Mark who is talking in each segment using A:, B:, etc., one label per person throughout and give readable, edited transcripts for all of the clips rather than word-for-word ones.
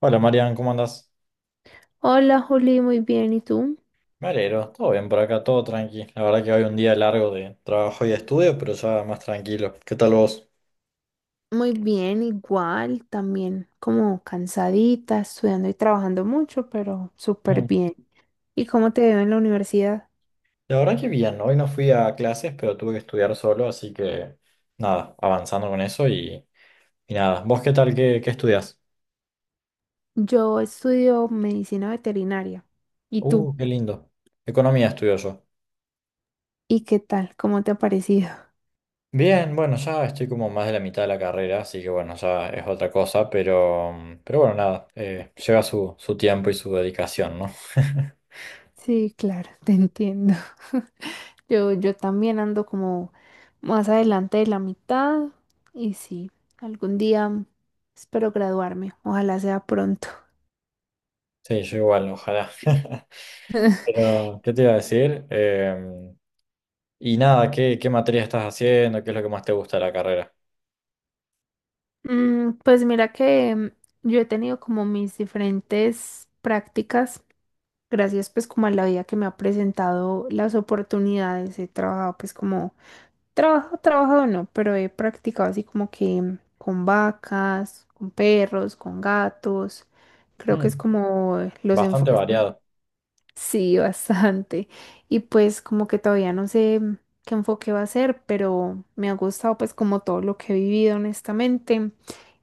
A: Hola Marian, ¿cómo andás?
B: Hola Juli, muy bien. ¿Y tú?
A: Me alegro, todo bien por acá, todo tranqui. La verdad que hoy un día largo de trabajo y de estudio, pero ya más tranquilo. ¿Qué tal vos?
B: Muy bien, igual, también como cansadita, estudiando y trabajando mucho, pero súper
A: Mm.
B: bien. ¿Y cómo te veo en la universidad?
A: La verdad que bien, hoy no fui a clases, pero tuve que estudiar solo, así que nada, avanzando con eso y nada. ¿Vos qué tal? ¿Qué estudias?
B: Yo estudio medicina veterinaria. ¿Y tú?
A: Qué lindo. Economía estudio yo.
B: ¿Y qué tal? ¿Cómo te ha parecido?
A: Bien, bueno, ya estoy como más de la mitad de la carrera, así que bueno, ya es otra cosa, pero bueno, nada, lleva su tiempo y su dedicación, ¿no?
B: Sí, claro, te entiendo. Yo también ando como más adelante de la mitad y sí, algún día espero graduarme, ojalá sea pronto.
A: Sí, yo igual, ojalá. Pero, ¿qué te iba a decir? Y nada, ¿qué materia estás haciendo? ¿Qué es lo que más te gusta de la carrera?
B: Pues mira que yo he tenido como mis diferentes prácticas, gracias pues como a la vida que me ha presentado las oportunidades, he trabajado pues como, trabajado no, pero he practicado así como que con vacas, con perros, con gatos, creo que es
A: Mm,
B: como los
A: bastante
B: enfoques.
A: variado.
B: Sí, bastante. Y pues como que todavía no sé qué enfoque va a ser, pero me ha gustado pues como todo lo que he vivido honestamente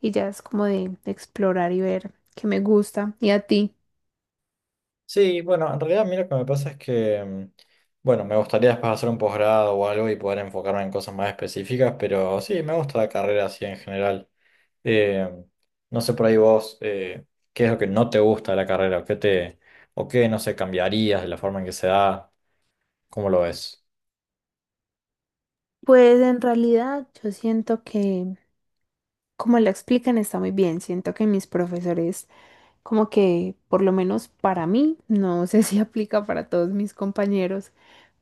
B: y ya es como de explorar y ver qué me gusta. ¿Y a ti?
A: Sí, bueno, en realidad a mí lo que me pasa es que, bueno, me gustaría después hacer un posgrado o algo y poder enfocarme en cosas más específicas, pero sí, me gusta la carrera así en general. Em, no sé por ahí vos, ¿qué es lo que no te gusta de la carrera? O qué, no sé, ¿cambiarías de la forma en que se da? ¿Cómo lo ves?
B: Pues en realidad yo siento que como la explican está muy bien, siento que mis profesores como que por lo menos para mí, no sé si aplica para todos mis compañeros,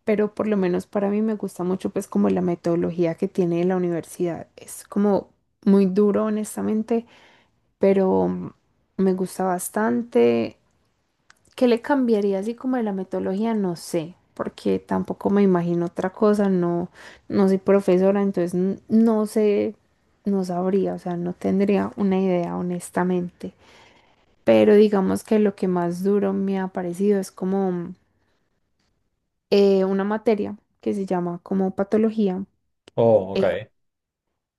B: pero por lo menos para mí me gusta mucho pues como la metodología que tiene la universidad. Es como muy duro honestamente, pero me gusta bastante. ¿Qué le cambiaría así como de la metodología? No sé, porque tampoco me imagino otra cosa, no, no soy profesora, entonces no sé, no sabría, o sea, no tendría una idea honestamente. Pero digamos que lo que más duro me ha parecido es como una materia que se llama como patología.
A: Oh, ok.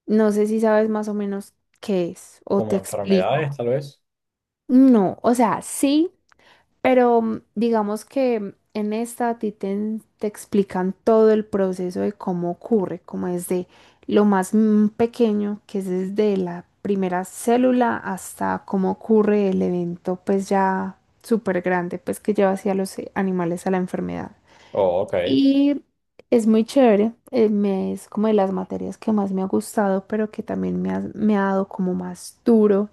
B: No sé si sabes más o menos qué es o
A: Como
B: te explico.
A: enfermedades, tal vez.
B: No, o sea, sí, pero digamos que en esta a ti te, te explican todo el proceso de cómo ocurre, como desde lo más pequeño, que es desde la primera célula hasta cómo ocurre el evento, pues ya súper grande, pues que lleva hacia los animales a la enfermedad.
A: Oh, ok,
B: Y es muy chévere, es como de las materias que más me ha gustado, pero que también me ha dado como más duro,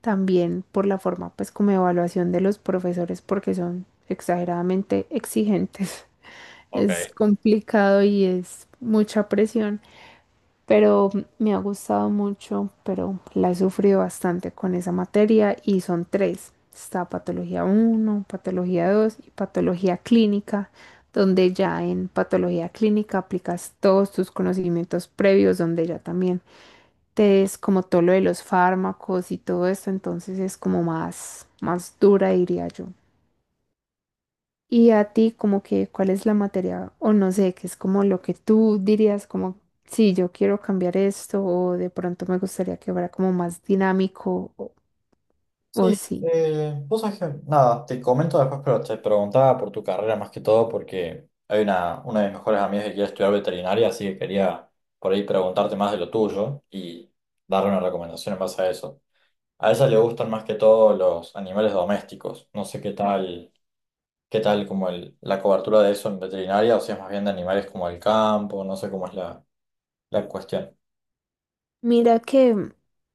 B: también por la forma, pues como de evaluación de los profesores, porque son exageradamente exigentes. Es
A: ok.
B: complicado y es mucha presión, pero me ha gustado mucho, pero la he sufrido bastante con esa materia y son tres. Está patología uno, patología 2 y patología clínica, donde ya en patología clínica aplicas todos tus conocimientos previos, donde ya también te es como todo lo de los fármacos y todo esto, entonces es como más dura, diría yo. Y a ti, como que, ¿cuál es la materia? O no sé, que es como lo que tú dirías, como, sí, yo quiero cambiar esto, o de pronto me gustaría que fuera como más dinámico, o
A: Sí,
B: sí.
A: vos sabés que, nada, te comento después, pero te preguntaba por tu carrera más que todo porque hay una de mis mejores amigas que quiere estudiar veterinaria, así que quería por ahí preguntarte más de lo tuyo y darle una recomendación en base a eso. A ella le gustan más que todo los animales domésticos. No sé qué tal como la cobertura de eso en veterinaria o si es más bien de animales como el campo, no sé cómo es la cuestión.
B: Mira que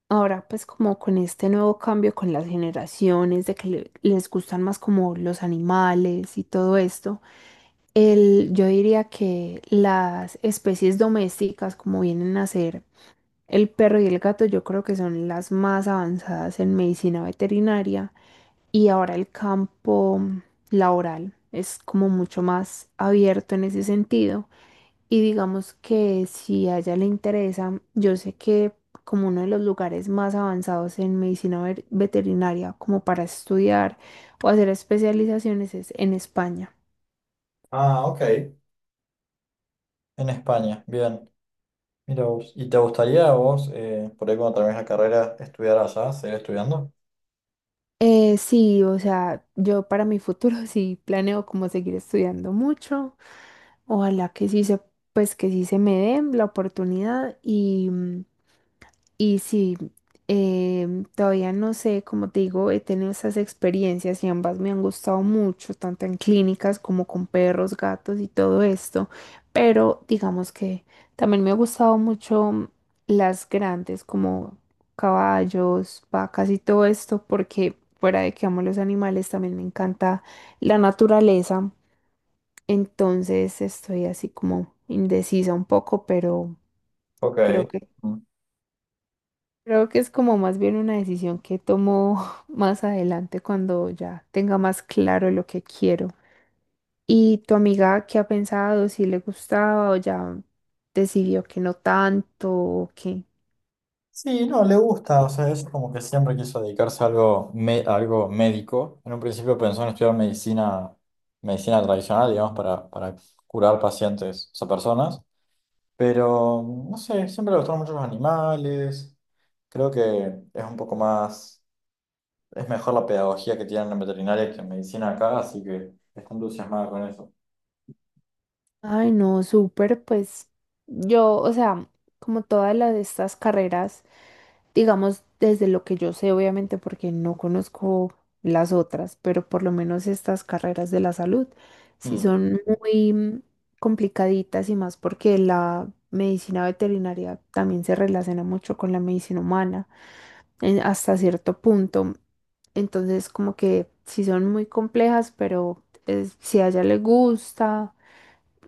B: ahora, pues como con este nuevo cambio con las generaciones, de que les gustan más como los animales y todo esto, el, yo diría que las especies domésticas, como vienen a ser el perro y el gato, yo creo que son las más avanzadas en medicina veterinaria y ahora el campo laboral es como mucho más abierto en ese sentido y digamos que si a ella le interesa, yo sé que como uno de los lugares más avanzados en medicina veterinaria como para estudiar o hacer especializaciones es en España.
A: Ah, ok. En España, bien. Mira vos. ¿Y te gustaría a vos, por ahí cuando termines la carrera, estudiar allá, seguir estudiando
B: Sí, o sea, yo para mi futuro sí planeo como seguir estudiando mucho. Ojalá que sí se, pues que sí se me dé la oportunidad y sí, todavía no sé, como te digo, he tenido esas experiencias y ambas me han gustado mucho, tanto en clínicas como con perros, gatos y todo esto, pero digamos que también me ha gustado mucho las grandes como caballos, vacas y todo esto, porque fuera de que amo los animales, también me encanta la naturaleza, entonces estoy así como indecisa un poco, pero
A: Ok.
B: creo que...
A: Mm.
B: Creo que es como más bien una decisión que tomo más adelante cuando ya tenga más claro lo que quiero. ¿Y tu amiga qué ha pensado? ¿Si le gustaba o ya decidió que no tanto? ¿O qué?
A: Sí, no, le gusta, o sea, es como que siempre quiso dedicarse a algo, a algo médico. En un principio pensó en estudiar medicina, medicina tradicional, digamos, para curar pacientes, o sea, personas. Pero, no sé, siempre le gustaron mucho los animales. Creo que es un poco más, es mejor la pedagogía que tienen en veterinaria que en medicina acá, así que está entusiasmada con eso.
B: Ay, no, súper, pues yo, o sea, como todas las, estas carreras, digamos, desde lo que yo sé, obviamente, porque no conozco las otras, pero por lo menos estas carreras de la salud, sí
A: Mm.
B: son muy complicaditas y más porque la medicina veterinaria también se relaciona mucho con la medicina humana hasta cierto punto. Entonces, como que sí son muy complejas, pero si a ella le gusta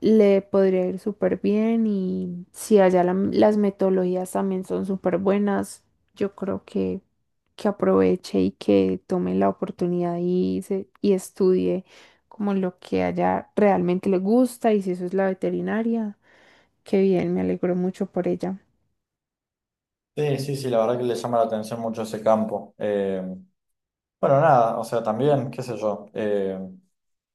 B: le podría ir súper bien y si allá las metodologías también son súper buenas, yo creo que aproveche y que tome la oportunidad y, y estudie como lo que allá realmente le gusta y si eso es la veterinaria, qué bien, me alegro mucho por ella.
A: Sí, sí, sí, la verdad que le llama la atención mucho ese campo. Bueno, nada, o sea, también, qué sé yo,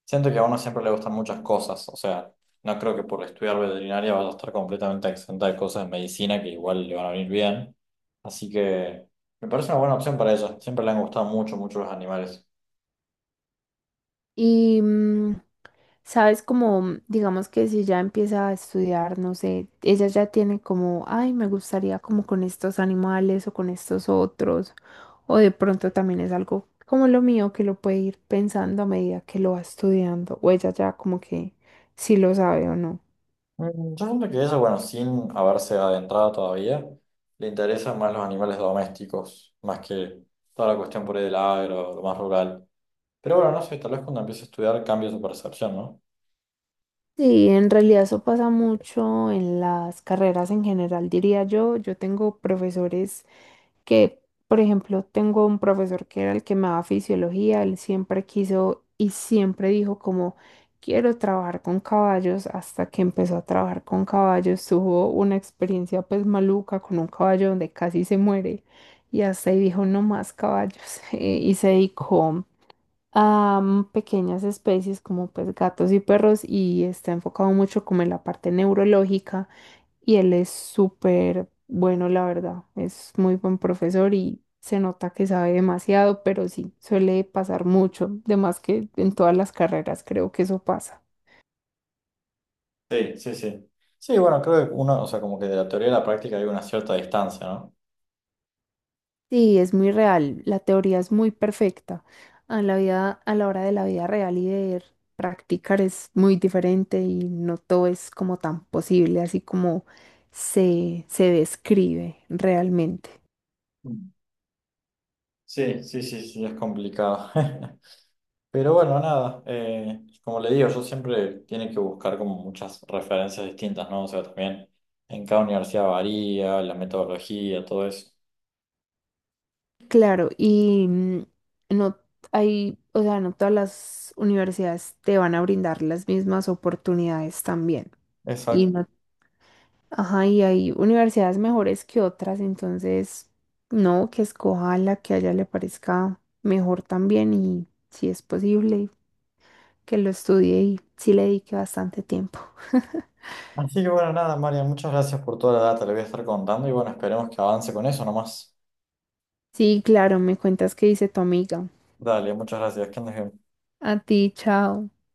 A: siento que a uno siempre le gustan muchas cosas, o sea, no creo que por estudiar veterinaria vaya a estar completamente exenta de cosas de medicina que igual le van a venir bien. Así que me parece una buena opción para ella, siempre le han gustado mucho, mucho los animales.
B: Y sabes, como digamos que si ya empieza a estudiar, no sé, ella ya tiene como, ay, me gustaría como con estos animales o con estos otros, o de pronto también es algo como lo mío que lo puede ir pensando a medida que lo va estudiando, o ella ya como que si lo sabe o no.
A: Mm, yo siento que ella, bueno, sin haberse adentrado todavía, le interesan más los animales domésticos, más que toda la cuestión por ahí del agro, lo más rural. Pero bueno, no sé, tal vez cuando empiece a estudiar cambia su percepción, ¿no?
B: Sí, en realidad eso pasa mucho en las carreras en general, diría yo. Yo tengo profesores que, por ejemplo, tengo un profesor que era el que me daba fisiología, él siempre quiso y siempre dijo como, quiero trabajar con caballos, hasta que empezó a trabajar con caballos, tuvo una experiencia pues maluca con un caballo donde casi se muere y hasta ahí dijo, no más caballos, y se dedicó a pequeñas especies como pues gatos y perros y está enfocado mucho como en la parte neurológica y él es súper bueno, la verdad, es muy buen profesor y se nota que sabe demasiado, pero sí, suele pasar mucho, de más que en todas las carreras creo que eso pasa.
A: Sí, sí, sí. Sí, bueno, creo que uno, o sea, como que de la teoría a la práctica hay una cierta distancia, ¿no?
B: Sí, es muy real. La teoría es muy perfecta. A la vida, a la hora de la vida real y de practicar es muy diferente y no todo es como tan posible, así como se describe realmente.
A: Mm. Sí, sí, sí, sí, es complicado. Pero bueno, nada, como le digo, yo siempre tiene que buscar como muchas referencias distintas, ¿no? O sea, también en cada universidad varía la metodología, todo eso.
B: Claro, y no hay, o sea, no todas las universidades te van a brindar las mismas oportunidades también.
A: Exacto.
B: Ajá, y hay universidades mejores que otras, entonces, no, que escoja la que a ella le parezca mejor también y si es posible, que lo estudie y sí le dedique bastante tiempo.
A: Así que bueno, nada, María, muchas gracias por toda la data, le voy a estar contando y bueno, esperemos que avance con eso nomás.
B: Sí, claro, me cuentas qué dice tu amiga.
A: Dale, muchas gracias, que andes bien.
B: A ti, chao.